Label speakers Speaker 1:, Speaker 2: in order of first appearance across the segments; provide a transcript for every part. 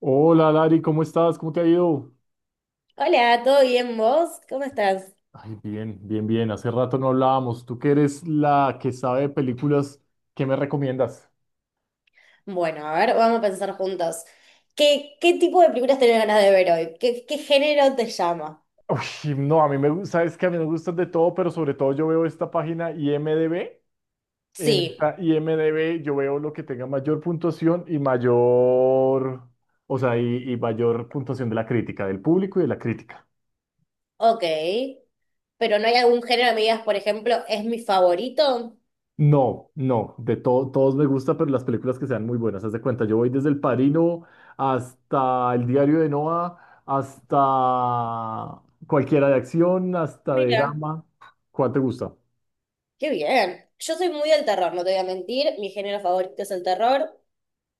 Speaker 1: Hola Lari, ¿cómo estás? ¿Cómo te ha ido?
Speaker 2: Hola, ¿todo bien vos? ¿Cómo estás?
Speaker 1: Ay, bien, bien, bien. Hace rato no hablábamos. Tú que eres la que sabe de películas, ¿qué me recomiendas?
Speaker 2: Bueno, a ver, vamos a pensar juntos. ¿Qué tipo de películas tenés ganas de ver hoy? ¿Qué género te llama?
Speaker 1: No, a mí me gusta, es que a mí me gustan de todo, pero sobre todo yo veo esta página IMDb. En
Speaker 2: Sí,
Speaker 1: esta IMDb yo veo lo que tenga mayor puntuación y mayor, o sea, y mayor puntuación de la crítica, del público y de la crítica.
Speaker 2: ok. Pero no hay algún género que me digas, por ejemplo, es mi favorito.
Speaker 1: No, no, de todo, todos me gusta, pero las películas que sean muy buenas, haz de cuenta, yo voy desde El Padrino hasta El Diario de Noah, hasta cualquiera de acción, hasta de
Speaker 2: Mira.
Speaker 1: drama. ¿Cuál te gusta?
Speaker 2: Qué bien. Yo soy muy del terror, no te voy a mentir. Mi género favorito es el terror.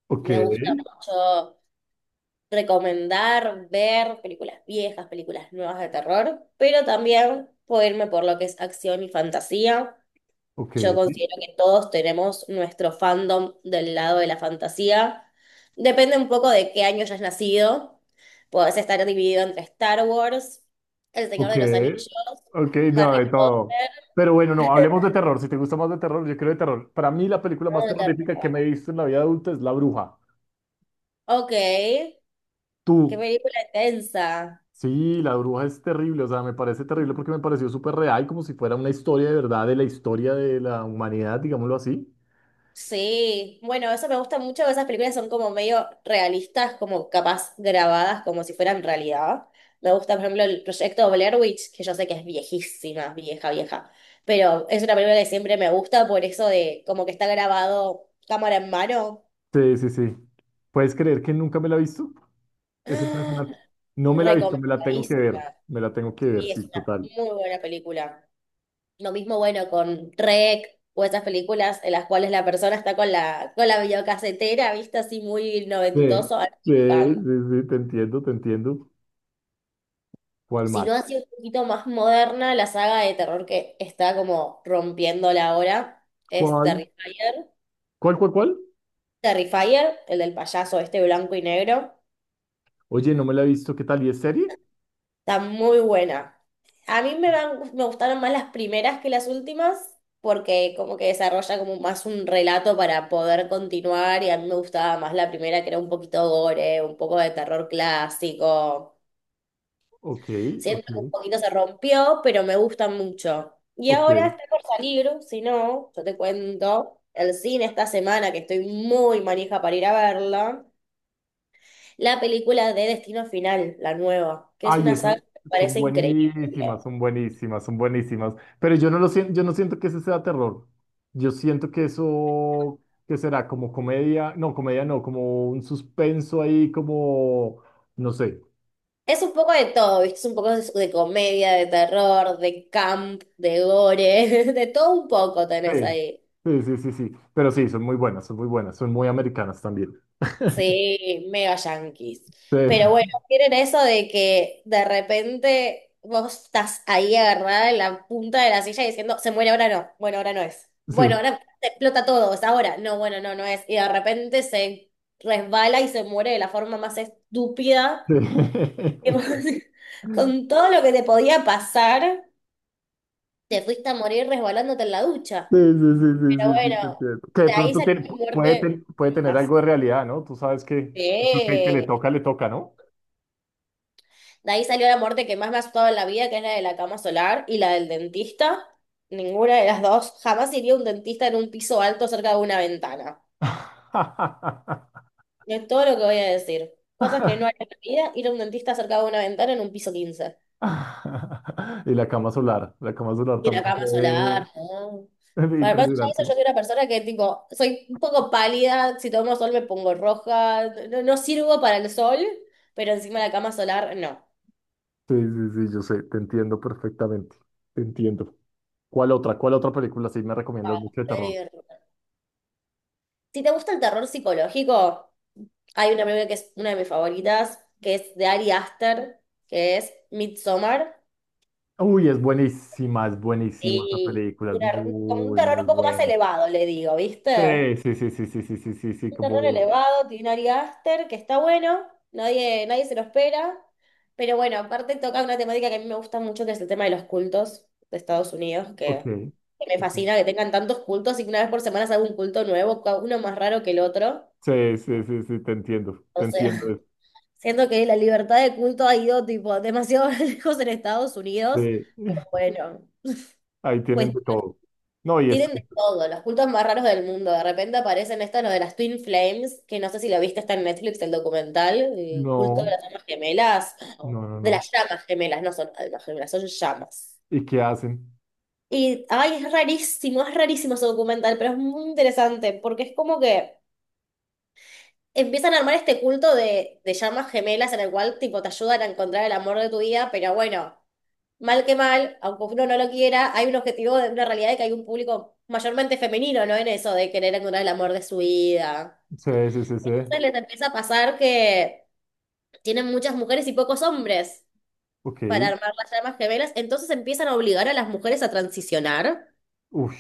Speaker 1: Ok,
Speaker 2: Me gusta mucho recomendar, ver películas viejas, películas nuevas de terror, pero también puedo irme por lo que es acción y fantasía.
Speaker 1: ok,
Speaker 2: Yo considero que todos tenemos nuestro fandom del lado de la fantasía. Depende un poco de qué año hayas nacido. Podés estar dividido entre Star Wars, El Señor
Speaker 1: ok,
Speaker 2: de los Anillos,
Speaker 1: ok, no,
Speaker 2: Harry
Speaker 1: de todo.
Speaker 2: Potter,
Speaker 1: Pero bueno, no, hablemos de terror. Si te gusta más de terror, yo creo de terror. Para mí la película más
Speaker 2: ¿no? De terror.
Speaker 1: terrorífica que me he visto en la vida adulta es La Bruja.
Speaker 2: Ok, qué
Speaker 1: ¿Tú
Speaker 2: película intensa.
Speaker 1: Sí, la bruja es terrible, o sea, me parece terrible porque me pareció súper real, como si fuera una historia de verdad de la historia de la humanidad, digámoslo así.
Speaker 2: Sí, bueno, eso me gusta mucho, esas películas son como medio realistas, como capaz grabadas como si fueran realidad. Me gusta, por ejemplo, el proyecto Blair Witch, que yo sé que es viejísima, vieja, vieja, pero es una película que siempre me gusta por eso de como que está grabado cámara en mano.
Speaker 1: Sí, sí, sí. ¿Puedes creer que nunca me la he visto? Es
Speaker 2: ¡Ah!
Speaker 1: impresionante. No me la he visto, me la tengo que ver,
Speaker 2: Recomendadísima.
Speaker 1: me la tengo que ver,
Speaker 2: Sí, es
Speaker 1: sí,
Speaker 2: una
Speaker 1: total.
Speaker 2: muy buena película. Lo mismo, bueno, con Rec o esas películas en las cuales la persona está con la videocasetera, vista así muy
Speaker 1: Sí,
Speaker 2: noventoso.
Speaker 1: sí, sí, sí, te entiendo, te entiendo. ¿Cuál más?
Speaker 2: Sino así un poquito más moderna, la saga de terror que está como rompiéndola ahora es
Speaker 1: ¿Cuál?
Speaker 2: Terrifier.
Speaker 1: ¿Cuál?
Speaker 2: Terrifier, el del payaso este blanco y negro,
Speaker 1: Oye, no me la he visto, ¿qué tal? ¿Y es serie?
Speaker 2: está muy buena. A mí me, van- me gustaron más las primeras que las últimas, porque como que desarrolla como más un relato para poder continuar, y a mí me gustaba más la primera, que era un poquito gore, un poco de terror clásico.
Speaker 1: Ok, ok,
Speaker 2: Siento que un poquito se rompió, pero me gusta mucho. Y
Speaker 1: ok.
Speaker 2: ahora está por salir, si no, yo te cuento, el cine esta semana, que estoy muy manija para ir a verla, la película de Destino Final, la nueva, que es
Speaker 1: Ay,
Speaker 2: una
Speaker 1: esas
Speaker 2: saga que me
Speaker 1: son
Speaker 2: parece increíble.
Speaker 1: buenísimas, son buenísimas, son buenísimas. Pero yo no lo siento, yo no siento que ese sea terror. Yo siento que eso, que será como comedia no, como un suspenso ahí, como, no sé.
Speaker 2: Es un poco de todo, ¿viste? Es un poco de comedia, de terror, de camp, de gore, de todo un poco tenés
Speaker 1: Sí,
Speaker 2: ahí.
Speaker 1: sí, sí, sí, sí. Pero sí, son muy buenas, son muy buenas, son muy americanas también.
Speaker 2: Sí, mega yanquis.
Speaker 1: Sí,
Speaker 2: Pero bueno, tienen eso de que de repente vos estás ahí agarrada en la punta de la silla diciendo, se muere ahora no, bueno, ahora no es. Bueno,
Speaker 1: sí,
Speaker 2: ahora te explota todo, es ahora. No, bueno, no, no es. Y de repente se resbala y se muere de la forma más estúpida.
Speaker 1: sí.
Speaker 2: Que vos con todo lo que te podía pasar, te fuiste a morir resbalándote en la ducha.
Speaker 1: Sí, sí, sí, sí,
Speaker 2: Pero
Speaker 1: sí, sí, te
Speaker 2: bueno,
Speaker 1: entiendo. Que de
Speaker 2: de ahí
Speaker 1: pronto
Speaker 2: salió mi
Speaker 1: puede,
Speaker 2: muerte
Speaker 1: puede tener
Speaker 2: más.
Speaker 1: algo de realidad, ¿no? Tú sabes que el que
Speaker 2: Sí.
Speaker 1: le toca, ¿no?
Speaker 2: De ahí salió la muerte que más me ha asustado en la vida, que es la de la cama solar y la del dentista. Ninguna de las dos. Jamás iría a un dentista en un piso alto cerca de una ventana. Es todo lo que voy a decir. Cosas que no haría en la vida, ir a un dentista cerca de una ventana en un piso 15.
Speaker 1: Y la cama solar
Speaker 2: Y la
Speaker 1: también
Speaker 2: cama
Speaker 1: fue
Speaker 2: solar, ¿no? Para más allá de eso,
Speaker 1: impresionante.
Speaker 2: yo soy una persona que, tipo, soy un poco pálida. Si tomo sol me pongo roja. No, no sirvo para el sol, pero encima la cama solar, no.
Speaker 1: Sí, sí, sí, yo sé, te entiendo perfectamente, te entiendo. ¿Cuál otra? ¿Cuál otra película sí me
Speaker 2: Para
Speaker 1: recomiendas mucho de terror?
Speaker 2: hacer- Si te gusta el terror psicológico... Hay una película que es una de mis favoritas, que es de Ari Aster, que es Midsommar,
Speaker 1: Es buenísima esa
Speaker 2: y
Speaker 1: película, es
Speaker 2: una- como un
Speaker 1: muy,
Speaker 2: terror
Speaker 1: muy
Speaker 2: un poco más
Speaker 1: buena.
Speaker 2: elevado, le digo, ¿viste?
Speaker 1: Sí, sí, sí, sí, sí, sí, sí, sí, sí,
Speaker 2: Un
Speaker 1: como,
Speaker 2: terror elevado, tiene Ari Aster, que está bueno, nadie, nadie se lo espera, pero bueno, aparte toca una temática que a mí me gusta mucho, que es el tema de los cultos de Estados Unidos,
Speaker 1: ok,
Speaker 2: que me
Speaker 1: ok.
Speaker 2: fascina que tengan tantos cultos y que una vez por semana se haga un culto nuevo, uno más raro que el otro.
Speaker 1: Sí, sí, sí, sí, te entiendo,
Speaker 2: O
Speaker 1: te entiendo.
Speaker 2: sea, siento que la libertad de culto ha ido tipo demasiado lejos en Estados Unidos.
Speaker 1: Sí,
Speaker 2: Bueno,
Speaker 1: ahí tienen
Speaker 2: pues
Speaker 1: de todo. No, y es,
Speaker 2: tienen de todo, los cultos más raros del mundo. De repente aparecen estos, los de las Twin Flames, que no sé si lo viste, está en Netflix el documental, el culto de
Speaker 1: no,
Speaker 2: las llamas gemelas,
Speaker 1: no, no,
Speaker 2: de
Speaker 1: no.
Speaker 2: las llamas gemelas, no son almas gemelas, son llamas.
Speaker 1: ¿Y qué hacen?
Speaker 2: Y, ay, es rarísimo ese documental, pero es muy interesante porque es como que empiezan a armar este culto de llamas gemelas en el cual tipo te ayudan a encontrar el amor de tu vida, pero bueno, mal que mal, aunque uno no lo quiera, hay un objetivo de una realidad de que hay un público mayormente femenino, ¿no? En eso de querer encontrar el amor de su vida.
Speaker 1: Sí, sí, sí, sí.
Speaker 2: Entonces les empieza a pasar que tienen muchas mujeres y pocos hombres
Speaker 1: Ok.
Speaker 2: para armar las llamas gemelas, entonces empiezan a obligar a las mujeres a transicionar.
Speaker 1: Uy.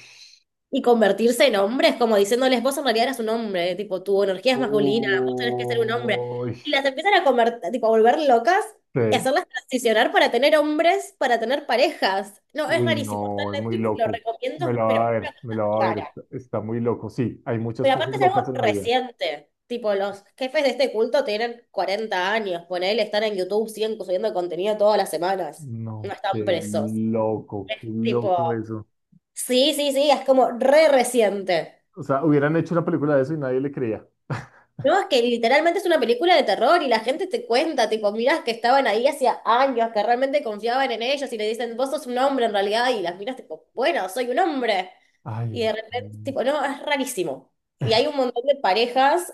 Speaker 2: Y convertirse en hombres, como diciéndoles, vos en realidad eras un hombre, tipo, tu energía es masculina, vos tenés que ser un hombre.
Speaker 1: Uy.
Speaker 2: Y las empiezan a convertir, tipo, a volver locas y
Speaker 1: Sí.
Speaker 2: hacerlas transicionar para tener hombres, para tener parejas. No, es
Speaker 1: Uy,
Speaker 2: rarísimo. Está en
Speaker 1: no, es muy
Speaker 2: Netflix, lo
Speaker 1: loco. Me
Speaker 2: recomiendo,
Speaker 1: la
Speaker 2: pero
Speaker 1: va a
Speaker 2: una
Speaker 1: ver, me la
Speaker 2: cosa
Speaker 1: va a ver.
Speaker 2: rara.
Speaker 1: Está, está muy loco. Sí, hay muchas
Speaker 2: Pero
Speaker 1: cosas
Speaker 2: aparte es algo
Speaker 1: locas en la vida.
Speaker 2: reciente. Tipo, los jefes de este culto tienen 40 años, ponele, están en YouTube, siguen subiendo contenido todas las semanas. No
Speaker 1: No,
Speaker 2: están presos. Es
Speaker 1: qué loco
Speaker 2: tipo,
Speaker 1: eso.
Speaker 2: sí, sí, sí, es como re reciente.
Speaker 1: O sea, hubieran hecho una película de eso y nadie le creía.
Speaker 2: No, es que literalmente es una película de terror y la gente te cuenta, tipo, miras que estaban ahí hacía años, que realmente confiaban en ellos y le dicen, vos sos un hombre en realidad, y las miras tipo, bueno, soy un hombre. Y
Speaker 1: Ay.
Speaker 2: de repente, tipo, no, es rarísimo. Y hay un montón de parejas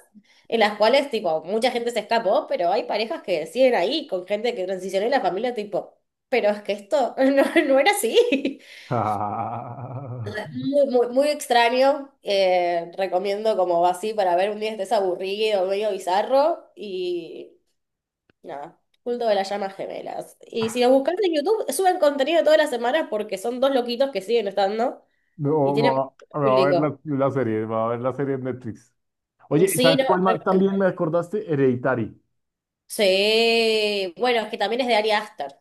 Speaker 2: en las cuales, tipo, mucha gente se escapó, pero hay parejas que siguen ahí con gente que transicionó y la familia, tipo, pero es que esto no, no era así.
Speaker 1: Ah,
Speaker 2: Muy, muy, muy extraño. Recomiendo como así para ver un día estés aburrido, medio bizarro. Y nada, culto de las llamas gemelas. Y si lo buscas en YouTube, suben contenido todas las semanas porque son dos loquitos que siguen estando y
Speaker 1: no,
Speaker 2: tienen mucho
Speaker 1: me va a ver la,
Speaker 2: público.
Speaker 1: la serie, me va a ver la serie en Netflix. Oye,
Speaker 2: Sí,
Speaker 1: ¿sabes
Speaker 2: no,
Speaker 1: cuál más? También me acordaste, Hereditary.
Speaker 2: sí. Bueno, es que también es de Ari Aster,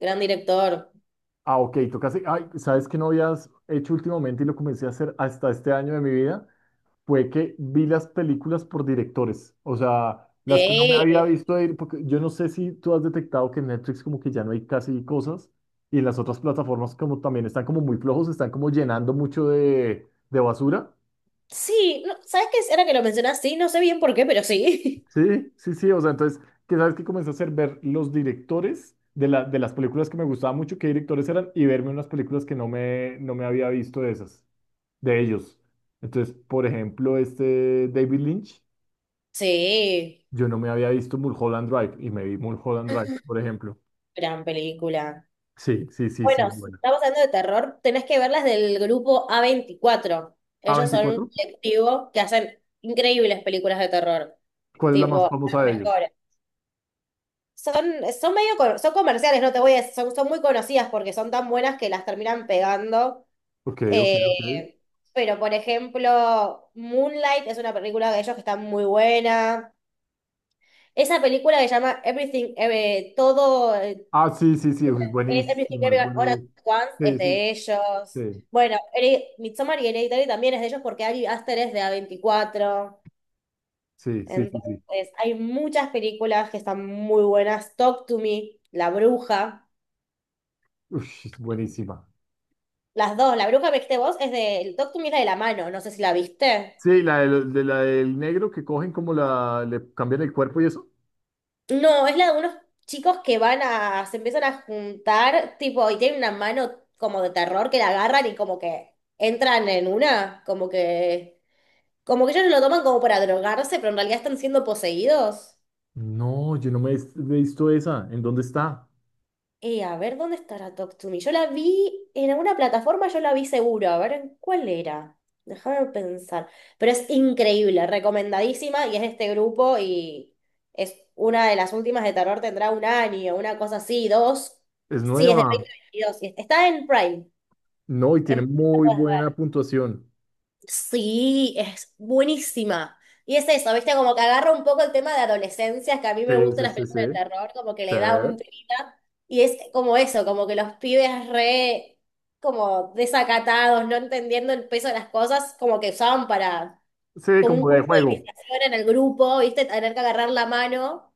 Speaker 2: gran director.
Speaker 1: Ah, ok, tocaste. Ay, ¿sabes qué no habías hecho últimamente y lo comencé a hacer hasta este año de mi vida? Fue que vi las películas por directores. O sea, las que no me había
Speaker 2: Sí.
Speaker 1: visto ir, porque yo no sé si tú has detectado que en Netflix como que ya no hay casi cosas y en las otras plataformas como también están como muy flojos, están como llenando mucho de basura.
Speaker 2: Sí, no, ¿sabes qué? Ahora que lo mencionas, sí, no sé bien por qué, pero sí.
Speaker 1: Sí, sí, sí. O sea, entonces, ¿qué sabes que comencé a hacer? Ver los directores de las películas que me gustaban mucho, qué directores eran y verme unas películas que no me, no me había visto de esas. De ellos. Entonces, por ejemplo, este David Lynch,
Speaker 2: Sí,
Speaker 1: yo no me había visto Mulholland Drive y me vi Mulholland Drive, por ejemplo.
Speaker 2: gran película.
Speaker 1: Sí, sí, sí, sí,
Speaker 2: Bueno, si
Speaker 1: bueno.
Speaker 2: estamos hablando de terror, tenés que ver las del grupo A24.
Speaker 1: ¿A
Speaker 2: Ellos son un
Speaker 1: 24?
Speaker 2: colectivo que hacen increíbles películas de terror,
Speaker 1: ¿Cuál es la más
Speaker 2: tipo,
Speaker 1: famosa
Speaker 2: las
Speaker 1: de ellos?
Speaker 2: mejores. Son, son medio, son comerciales, no te voy a decir, son, son muy conocidas porque son tan buenas que las terminan pegando.
Speaker 1: Ok, ok, ok.
Speaker 2: Eh, pero, por ejemplo, Moonlight es una película de ellos que está muy buena. Esa película que se llama Everything, todo,
Speaker 1: Ah, sí, sí, sí, es
Speaker 2: es Everything
Speaker 1: buenísima, es
Speaker 2: Everywhere All at
Speaker 1: buenísima.
Speaker 2: Once,
Speaker 1: Sí,
Speaker 2: es
Speaker 1: sí,
Speaker 2: de ellos.
Speaker 1: sí,
Speaker 2: Bueno, Midsommar y Hereditary también es de ellos porque Ari Aster es de A24.
Speaker 1: sí, sí, sí, sí.
Speaker 2: Entonces, hay muchas películas que están muy buenas. Talk to Me, La Bruja.
Speaker 1: Ush, es buenísima.
Speaker 2: Las dos. La Bruja, viste vos, es de... Talk to Me es la de la mano. No sé si la viste.
Speaker 1: Sí, la del, de la del negro que cogen como la, le cambian el cuerpo y eso.
Speaker 2: No, es la de unos chicos que van a... Se empiezan a juntar, tipo, y tienen una mano como de terror que la agarran y como que entran en una. Como que ellos lo toman como para drogarse, pero en realidad están siendo poseídos.
Speaker 1: No, yo no me he visto esa. ¿En dónde está?
Speaker 2: A ver, ¿dónde estará Talk to Me? Yo la vi en alguna plataforma, yo la vi seguro. A ver, ¿en cuál era? Déjame pensar. Pero es increíble, recomendadísima, y es de este grupo, y es una de las últimas de terror, tendrá un año, una cosa así, dos.
Speaker 1: Es
Speaker 2: Sí, es de
Speaker 1: nueva.
Speaker 2: 2022, y está en Prime.
Speaker 1: No, y tiene
Speaker 2: En...
Speaker 1: muy buena puntuación.
Speaker 2: Sí, es buenísima. Y es eso, ¿viste? Como que agarra un poco el tema de adolescencia, que a mí
Speaker 1: Sí,
Speaker 2: me gustan
Speaker 1: sí,
Speaker 2: las
Speaker 1: sí, sí.
Speaker 2: películas de terror, como que
Speaker 1: Sí,
Speaker 2: le da un tirita. Y es como eso, como que los pibes re, como desacatados, no entendiendo el peso de las cosas, como que usaban para,
Speaker 1: sí,
Speaker 2: como un
Speaker 1: como de
Speaker 2: curso de
Speaker 1: juego.
Speaker 2: iniciación en el grupo, ¿viste? Tener que agarrar la mano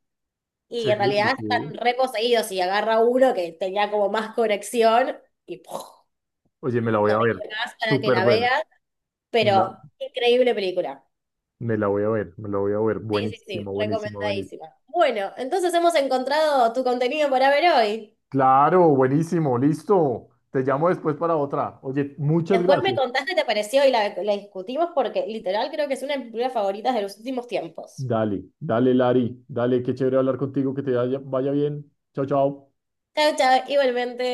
Speaker 1: Sí,
Speaker 2: y en
Speaker 1: sí,
Speaker 2: realidad están
Speaker 1: sí.
Speaker 2: re poseídos y agarra uno que tenía como más conexión y ¡puf!
Speaker 1: Oye, me la voy
Speaker 2: No
Speaker 1: a
Speaker 2: digo
Speaker 1: ver.
Speaker 2: más para que
Speaker 1: Súper
Speaker 2: la
Speaker 1: buena.
Speaker 2: veas,
Speaker 1: Me
Speaker 2: pero
Speaker 1: la,
Speaker 2: increíble película.
Speaker 1: me la voy a ver, me la voy a ver.
Speaker 2: Sí, sí, sí,
Speaker 1: Buenísimo, buenísimo, buenísimo.
Speaker 2: recomendadísima. Bueno, entonces hemos encontrado tu contenido para ver hoy.
Speaker 1: Claro, buenísimo, listo. Te llamo después para otra. Oye, muchas
Speaker 2: Después me
Speaker 1: gracias.
Speaker 2: contaste qué te pareció y la discutimos porque literal creo que es una de mis películas favoritas de los últimos tiempos.
Speaker 1: Dale, dale, Lari. Dale, qué chévere hablar contigo, que te vaya bien. Chao, chao.
Speaker 2: Chao, chao, igualmente.